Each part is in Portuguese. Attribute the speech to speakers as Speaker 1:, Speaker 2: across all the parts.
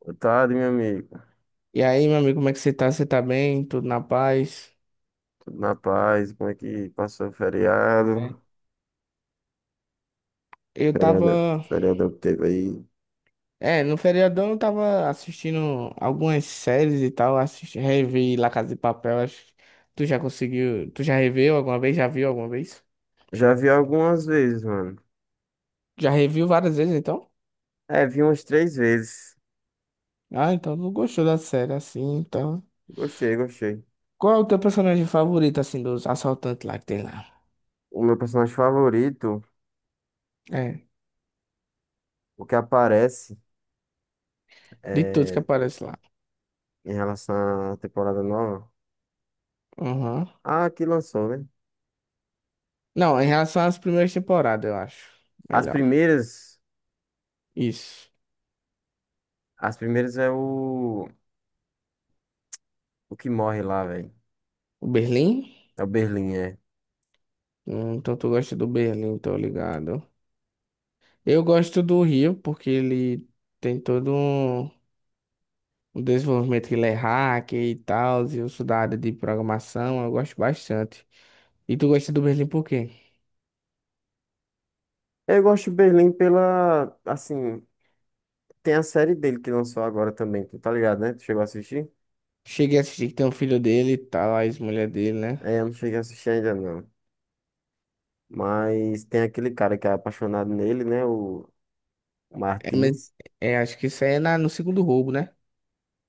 Speaker 1: Boa tarde, meu amigo.
Speaker 2: E aí, meu amigo, como é que você tá? Você tá bem? Tudo na paz?
Speaker 1: Tudo na paz? Como é que passou o
Speaker 2: É.
Speaker 1: feriado?
Speaker 2: Eu
Speaker 1: Feriado,
Speaker 2: tava.
Speaker 1: feriado que teve aí.
Speaker 2: É, no feriadão eu tava assistindo algumas séries e tal. Assisti, revi La Casa de Papel. Acho que tu já conseguiu. Tu já reveu alguma vez? Já viu alguma vez?
Speaker 1: Já vi algumas vezes, mano.
Speaker 2: Já reviu várias vezes, então?
Speaker 1: É, vi umas três vezes.
Speaker 2: Ah, então não gostou da série assim, então.
Speaker 1: Gostei, gostei.
Speaker 2: Qual é o teu personagem favorito, assim, dos assaltantes lá que tem lá?
Speaker 1: O meu personagem favorito,
Speaker 2: É,
Speaker 1: o que aparece
Speaker 2: de todos que
Speaker 1: é,
Speaker 2: aparecem lá.
Speaker 1: em relação à temporada nova.
Speaker 2: Aham.
Speaker 1: Ah, que lançou, né?
Speaker 2: Não, em relação às primeiras temporadas, eu acho.
Speaker 1: As
Speaker 2: Melhor.
Speaker 1: primeiras,
Speaker 2: Isso.
Speaker 1: as primeiras é o que morre lá, velho.
Speaker 2: O Berlim?
Speaker 1: É o Berlim, é.
Speaker 2: Então tu gosta do Berlim, tô ligado. Eu gosto do Rio porque ele tem todo um desenvolvimento que ele é hacker e tal, e eu sou da área de programação, eu gosto bastante. E tu gosta do Berlim por quê?
Speaker 1: Eu gosto do Berlim pela, assim, tem a série dele que lançou agora também, tu tá ligado, né? Tu chegou a assistir?
Speaker 2: Cheguei a assistir que tem um filho dele e tal, a ex-mulher dele, né?
Speaker 1: É, eu não cheguei a assistir ainda não. Mas tem aquele cara que é apaixonado nele, né? O
Speaker 2: É,
Speaker 1: Martin.
Speaker 2: mas é, acho que isso aí é no segundo roubo, né?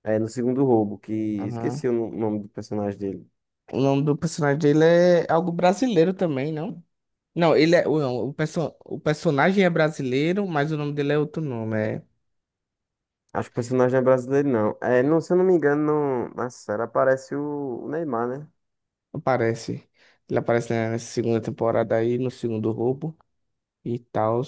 Speaker 1: É, no segundo roubo, que
Speaker 2: Aham.
Speaker 1: esqueci o nome do personagem dele.
Speaker 2: O nome do personagem dele é algo brasileiro também, não? Não, ele é. Não, o personagem é brasileiro, mas o nome dele é outro nome.
Speaker 1: Acho que o personagem é brasileiro, não. É, não, se eu não me engano, não, na série aparece o Neymar, né?
Speaker 2: Aparece. Ele aparece né, nessa segunda temporada aí, no segundo roubo e tal.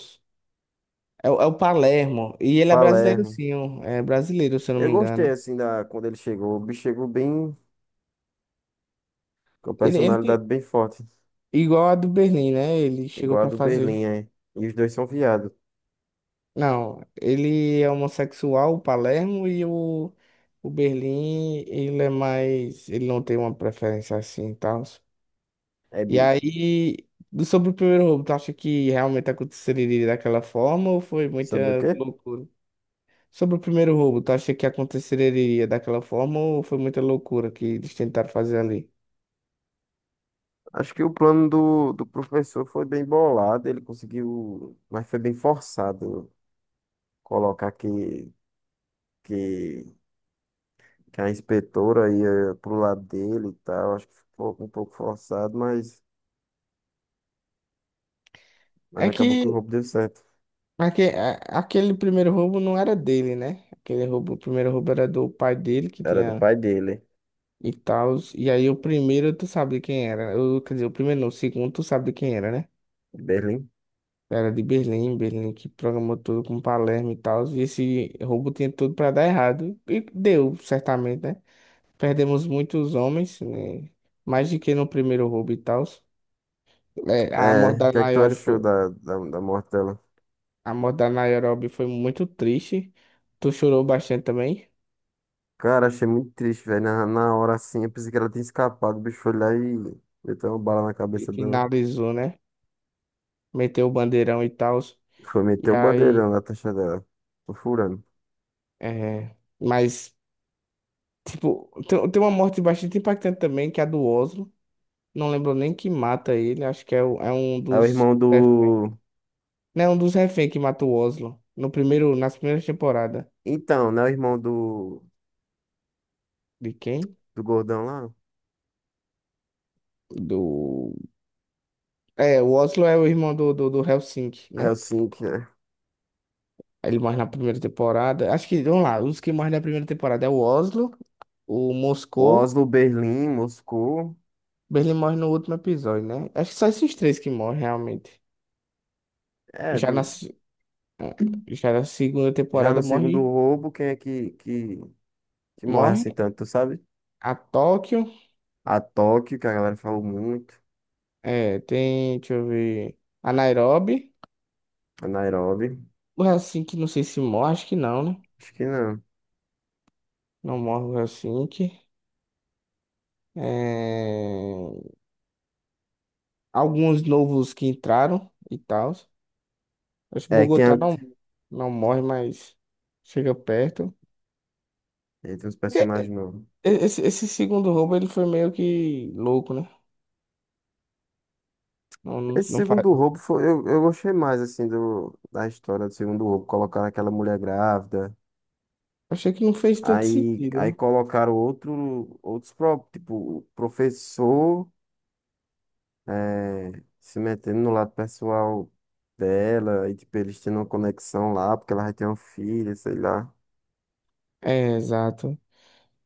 Speaker 2: É, é o Palermo. E ele é brasileiro,
Speaker 1: Palermo.
Speaker 2: sim. ó. É brasileiro, se eu não
Speaker 1: Eu
Speaker 2: me
Speaker 1: gostei,
Speaker 2: engano.
Speaker 1: assim, da, quando ele chegou. O bicho chegou bem, com
Speaker 2: Ele
Speaker 1: personalidade bem forte.
Speaker 2: igual a do Berlim, né? Ele chegou
Speaker 1: Igual a
Speaker 2: pra
Speaker 1: do Berlim,
Speaker 2: fazer.
Speaker 1: é. E os dois são viados.
Speaker 2: Não, ele é homossexual, o Palermo, e o Berlim, ele é mais. Ele não tem uma preferência assim e tal.
Speaker 1: É
Speaker 2: E
Speaker 1: bi.
Speaker 2: aí, sobre o primeiro roubo, tu acha que realmente aconteceria daquela forma ou foi
Speaker 1: Sobre o
Speaker 2: muita
Speaker 1: quê?
Speaker 2: loucura? Sobre o primeiro roubo, tu acha que aconteceria daquela forma ou foi muita loucura que eles tentaram fazer ali?
Speaker 1: Acho que o plano do professor foi bem bolado, ele conseguiu, mas foi bem forçado colocar que, que a inspetora ia pro lado dele e tal. Acho que ficou um pouco forçado, mas
Speaker 2: É
Speaker 1: acabou que o
Speaker 2: que
Speaker 1: roubo deu certo.
Speaker 2: aque- a- aquele primeiro roubo não era dele, né? Aquele roubo, o primeiro roubo era do pai dele que
Speaker 1: Era do
Speaker 2: tinha
Speaker 1: pai dele,
Speaker 2: e tal. E aí o primeiro tu sabe de quem era. Quer dizer, o primeiro não, o segundo tu sabe de quem era, né?
Speaker 1: de Berlim.
Speaker 2: Era de Berlim, Berlim que programou tudo com Palermo e tal. E esse roubo tinha tudo pra dar errado. E deu, certamente, né? Perdemos muitos homens, né? Mais do que no primeiro roubo e tal. É,
Speaker 1: É, o que é que tu achou da morte dela?
Speaker 2: A morte da Nairobi foi muito triste. Tu chorou bastante também.
Speaker 1: Cara, achei muito triste, velho. Na hora assim, eu pensei que ela tinha escapado, o bicho foi lá e meteu uma bala na
Speaker 2: E
Speaker 1: cabeça dela.
Speaker 2: finalizou, né? Meteu o bandeirão e tal.
Speaker 1: Foi meter
Speaker 2: E
Speaker 1: o
Speaker 2: aí.
Speaker 1: bandeirão na taxa dela. Tô furando.
Speaker 2: É, mas, tipo, tem uma morte bastante impactante também, que é a do Oslo. Não lembro nem quem mata ele. Acho que é um
Speaker 1: É o
Speaker 2: dos.
Speaker 1: irmão do.
Speaker 2: Não, é um dos reféns que mata o Oslo. No primeiro, nas primeiras temporadas.
Speaker 1: Então, né? O irmão
Speaker 2: De quem?
Speaker 1: do gordão lá.
Speaker 2: Do. É, o Oslo é o irmão do Helsinki, né?
Speaker 1: Helsinki, né?
Speaker 2: Ele morre na primeira temporada. Acho que, vamos lá, os que morrem na primeira temporada é o Oslo, o
Speaker 1: O
Speaker 2: Moscou.
Speaker 1: Oslo, Berlim, Moscou.
Speaker 2: Berlim morre no último episódio, né? Acho que só esses três que morrem, realmente.
Speaker 1: É,
Speaker 2: Já na,
Speaker 1: do,
Speaker 2: se- ah, já na segunda
Speaker 1: já no
Speaker 2: temporada
Speaker 1: segundo roubo, quem é que morre assim
Speaker 2: morre
Speaker 1: tanto, tu sabe?
Speaker 2: a Tóquio.
Speaker 1: A Tóquio, que a galera falou muito.
Speaker 2: É, tem, deixa eu ver, a Nairobi.
Speaker 1: A Nairobi.
Speaker 2: O Helsinki, não sei se morre, acho que não, né?
Speaker 1: Acho que não.
Speaker 2: Não morre o Helsinki. É, alguns novos que entraram e tal. Acho que
Speaker 1: É, quem é?
Speaker 2: Bogotá não, não morre, mas chega perto.
Speaker 1: Tem uns
Speaker 2: Porque
Speaker 1: personagens novos.
Speaker 2: esse segundo roubo ele foi meio que louco, né? Não, não,
Speaker 1: Esse
Speaker 2: não faz.
Speaker 1: segundo roubo foi, eu gostei mais assim do, da história do segundo roubo, colocar aquela mulher grávida.
Speaker 2: Achei que não fez tanto
Speaker 1: Aí,
Speaker 2: sentido,
Speaker 1: aí
Speaker 2: né?
Speaker 1: colocaram outro, outros, tipo, o professor eh, se metendo no lado pessoal dela, e tipo, eles tendo uma conexão lá, porque ela vai ter um filho, sei lá.
Speaker 2: É, exato.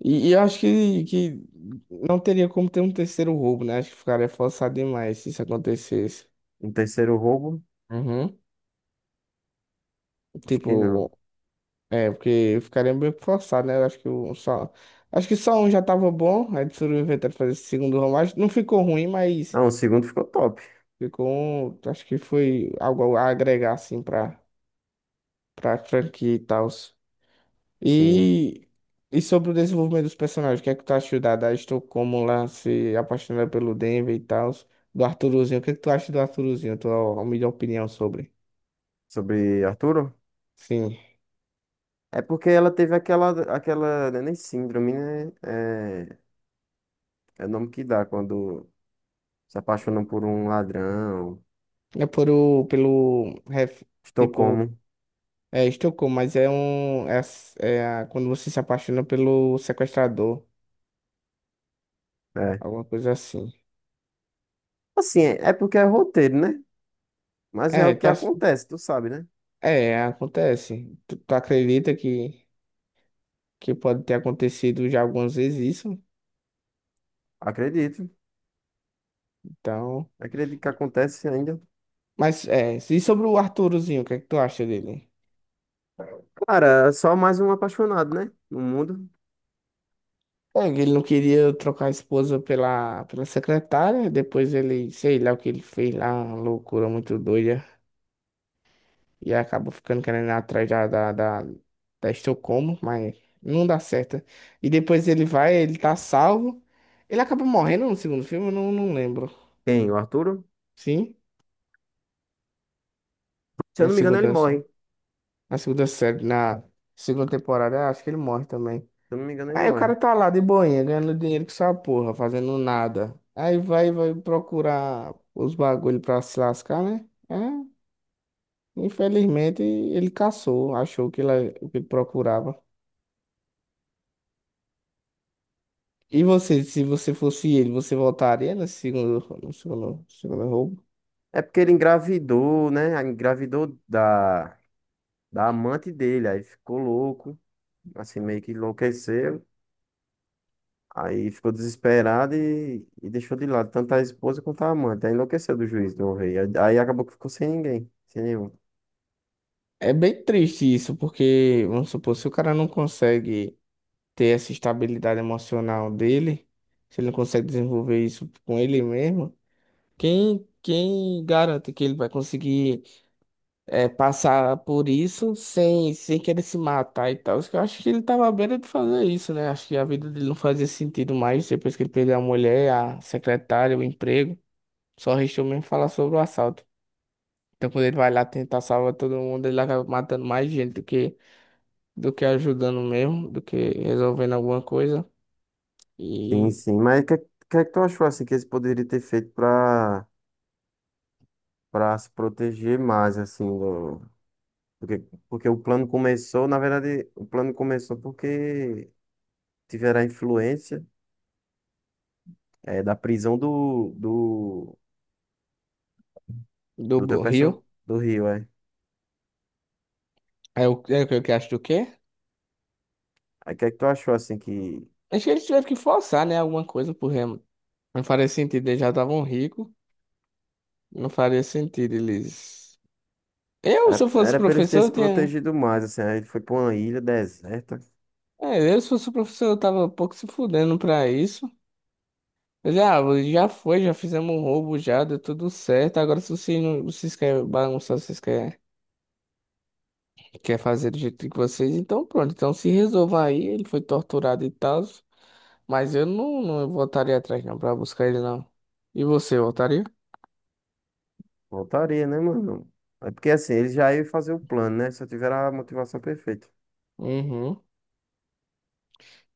Speaker 2: E eu acho que não teria como ter um terceiro roubo, né? Acho que ficaria forçado demais se isso acontecesse.
Speaker 1: Um terceiro roubo?
Speaker 2: Uhum.
Speaker 1: Acho que não.
Speaker 2: Tipo, é, porque ficaria meio que forçado, né? Eu acho que o só. Acho que só um já tava bom. Aí eles foram inventando fazer esse segundo roubo. Acho que não ficou ruim, mas.
Speaker 1: Não, o segundo ficou top,
Speaker 2: Ficou um, acho que foi algo a agregar assim para franquia e tal.
Speaker 1: sim.
Speaker 2: E e sobre o desenvolvimento dos personagens, o que é que tu achou da Estocolmo lá se apaixonando pelo Denver e tal, do Arturozinho, o que é que tu acha do Arturozinho? Tua melhor opinião sobre?
Speaker 1: Sobre Arturo?
Speaker 2: Sim.
Speaker 1: É porque ela teve aquela, não é nem síndrome, né? É, é o nome que dá quando se apaixonam por um ladrão.
Speaker 2: É por o pelo ref- tipo
Speaker 1: Estocolmo.
Speaker 2: é Estocolmo, mas quando você se apaixona pelo sequestrador,
Speaker 1: É.
Speaker 2: alguma coisa assim.
Speaker 1: Assim, é porque é roteiro, né? Mas é o
Speaker 2: É,
Speaker 1: que acontece, tu sabe, né?
Speaker 2: acontece. Tu acredita que pode ter acontecido já algumas vezes isso.
Speaker 1: Acredito.
Speaker 2: Então,
Speaker 1: Acredito que acontece ainda.
Speaker 2: mas é, e sobre o Arturozinho, o que é que tu acha dele?
Speaker 1: Cara, é só mais um apaixonado, né? No mundo.
Speaker 2: É, ele não queria trocar a esposa pela secretária, depois ele, sei lá o que ele fez lá, uma loucura muito doida, e acabou ficando querendo ir atrás da Estocolmo, mas não dá certo. E depois ele vai, ele tá salvo, ele acaba morrendo no segundo filme, eu não, não lembro.
Speaker 1: Quem? O Arturo?
Speaker 2: Sim,
Speaker 1: Se eu
Speaker 2: na
Speaker 1: não me engano, ele
Speaker 2: segunda,
Speaker 1: morre. Se
Speaker 2: na segunda temporada, acho que ele morre também.
Speaker 1: eu não me engano, ele
Speaker 2: Aí o
Speaker 1: morre.
Speaker 2: cara tá lá de boinha, ganhando dinheiro com essa porra, fazendo nada. Aí vai procurar os bagulho pra se lascar, né? É, infelizmente ele caçou, achou que o que ele procurava. E você, se você fosse ele, você voltaria nesse segundo, no segundo, segundo roubo?
Speaker 1: É porque ele engravidou, né? Engravidou da amante dele. Aí ficou louco. Assim, meio que enlouqueceu. Aí ficou desesperado e deixou de lado tanto a esposa quanto a amante. Aí enlouqueceu do juiz do rei. Aí acabou que ficou sem ninguém. Sem nenhum.
Speaker 2: É bem triste isso, porque, vamos supor, se o cara não consegue ter essa estabilidade emocional dele, se ele não consegue desenvolver isso com ele mesmo, quem garante que ele vai conseguir? Passar por isso sem querer se matar e tal. Eu acho que ele tava à beira de fazer isso, né? Acho que a vida dele não fazia sentido mais depois que ele perdeu a mulher, a secretária, o emprego. Só restou mesmo falar sobre o assalto. Então, quando ele vai lá tentar salvar todo mundo, ele acaba matando mais gente do que ajudando mesmo, do que resolvendo alguma coisa.
Speaker 1: Sim,
Speaker 2: E
Speaker 1: sim. Mas que é que tu achou assim que eles poderiam ter feito pra, para se proteger mais, assim, do, porque, porque o plano começou, na verdade, o plano começou porque tiveram a influência da prisão
Speaker 2: do
Speaker 1: do teu
Speaker 2: Rio.
Speaker 1: do Rio, é.
Speaker 2: É o que eu que acho do quê?
Speaker 1: Aí o que é que tu achou, assim, que
Speaker 2: Acho que eles tiveram que forçar, né? Alguma coisa pro Remo. Não faria sentido, eles já estavam ricos. Não faria sentido eles. Se eu
Speaker 1: era,
Speaker 2: fosse
Speaker 1: era pra eles terem
Speaker 2: professor, eu
Speaker 1: se
Speaker 2: tinha.
Speaker 1: protegido mais, assim, aí ele foi pra uma ilha deserta,
Speaker 2: É, se fosse professor, eu tava um pouco se fudendo pra isso. Mas, ah, já foi, já fizemos um roubo, já deu tudo certo. Agora, se vocês, não, vocês querem bagunçar, quer fazer do jeito que vocês, então pronto. Então se resolva aí, ele foi torturado e tal. Mas eu não, não voltaria atrás, não, pra buscar ele, não. E você, voltaria?
Speaker 1: voltaria, né, mano? É porque, assim, eles já iam fazer o plano, né, se eu tiver a motivação perfeita.
Speaker 2: Uhum.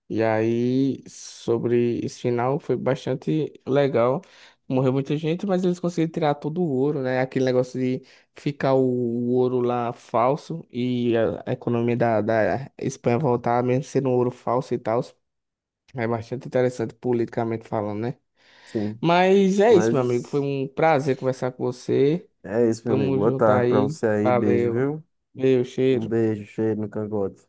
Speaker 2: E aí, sobre esse final, foi bastante legal. Morreu muita gente, mas eles conseguiram tirar todo o ouro, né? Aquele negócio de ficar o ouro lá falso e a economia da Espanha voltar, mesmo sendo um ouro falso e tal. É bastante interessante politicamente falando, né?
Speaker 1: Sim,
Speaker 2: Mas é isso, meu amigo. Foi
Speaker 1: mas
Speaker 2: um prazer conversar com você.
Speaker 1: é isso, meu amigo.
Speaker 2: Tamo
Speaker 1: Boa
Speaker 2: junto
Speaker 1: tarde pra
Speaker 2: aí.
Speaker 1: você aí. Beijo,
Speaker 2: Valeu.
Speaker 1: viu?
Speaker 2: Meu
Speaker 1: Um
Speaker 2: cheiro.
Speaker 1: beijo cheio no cangote.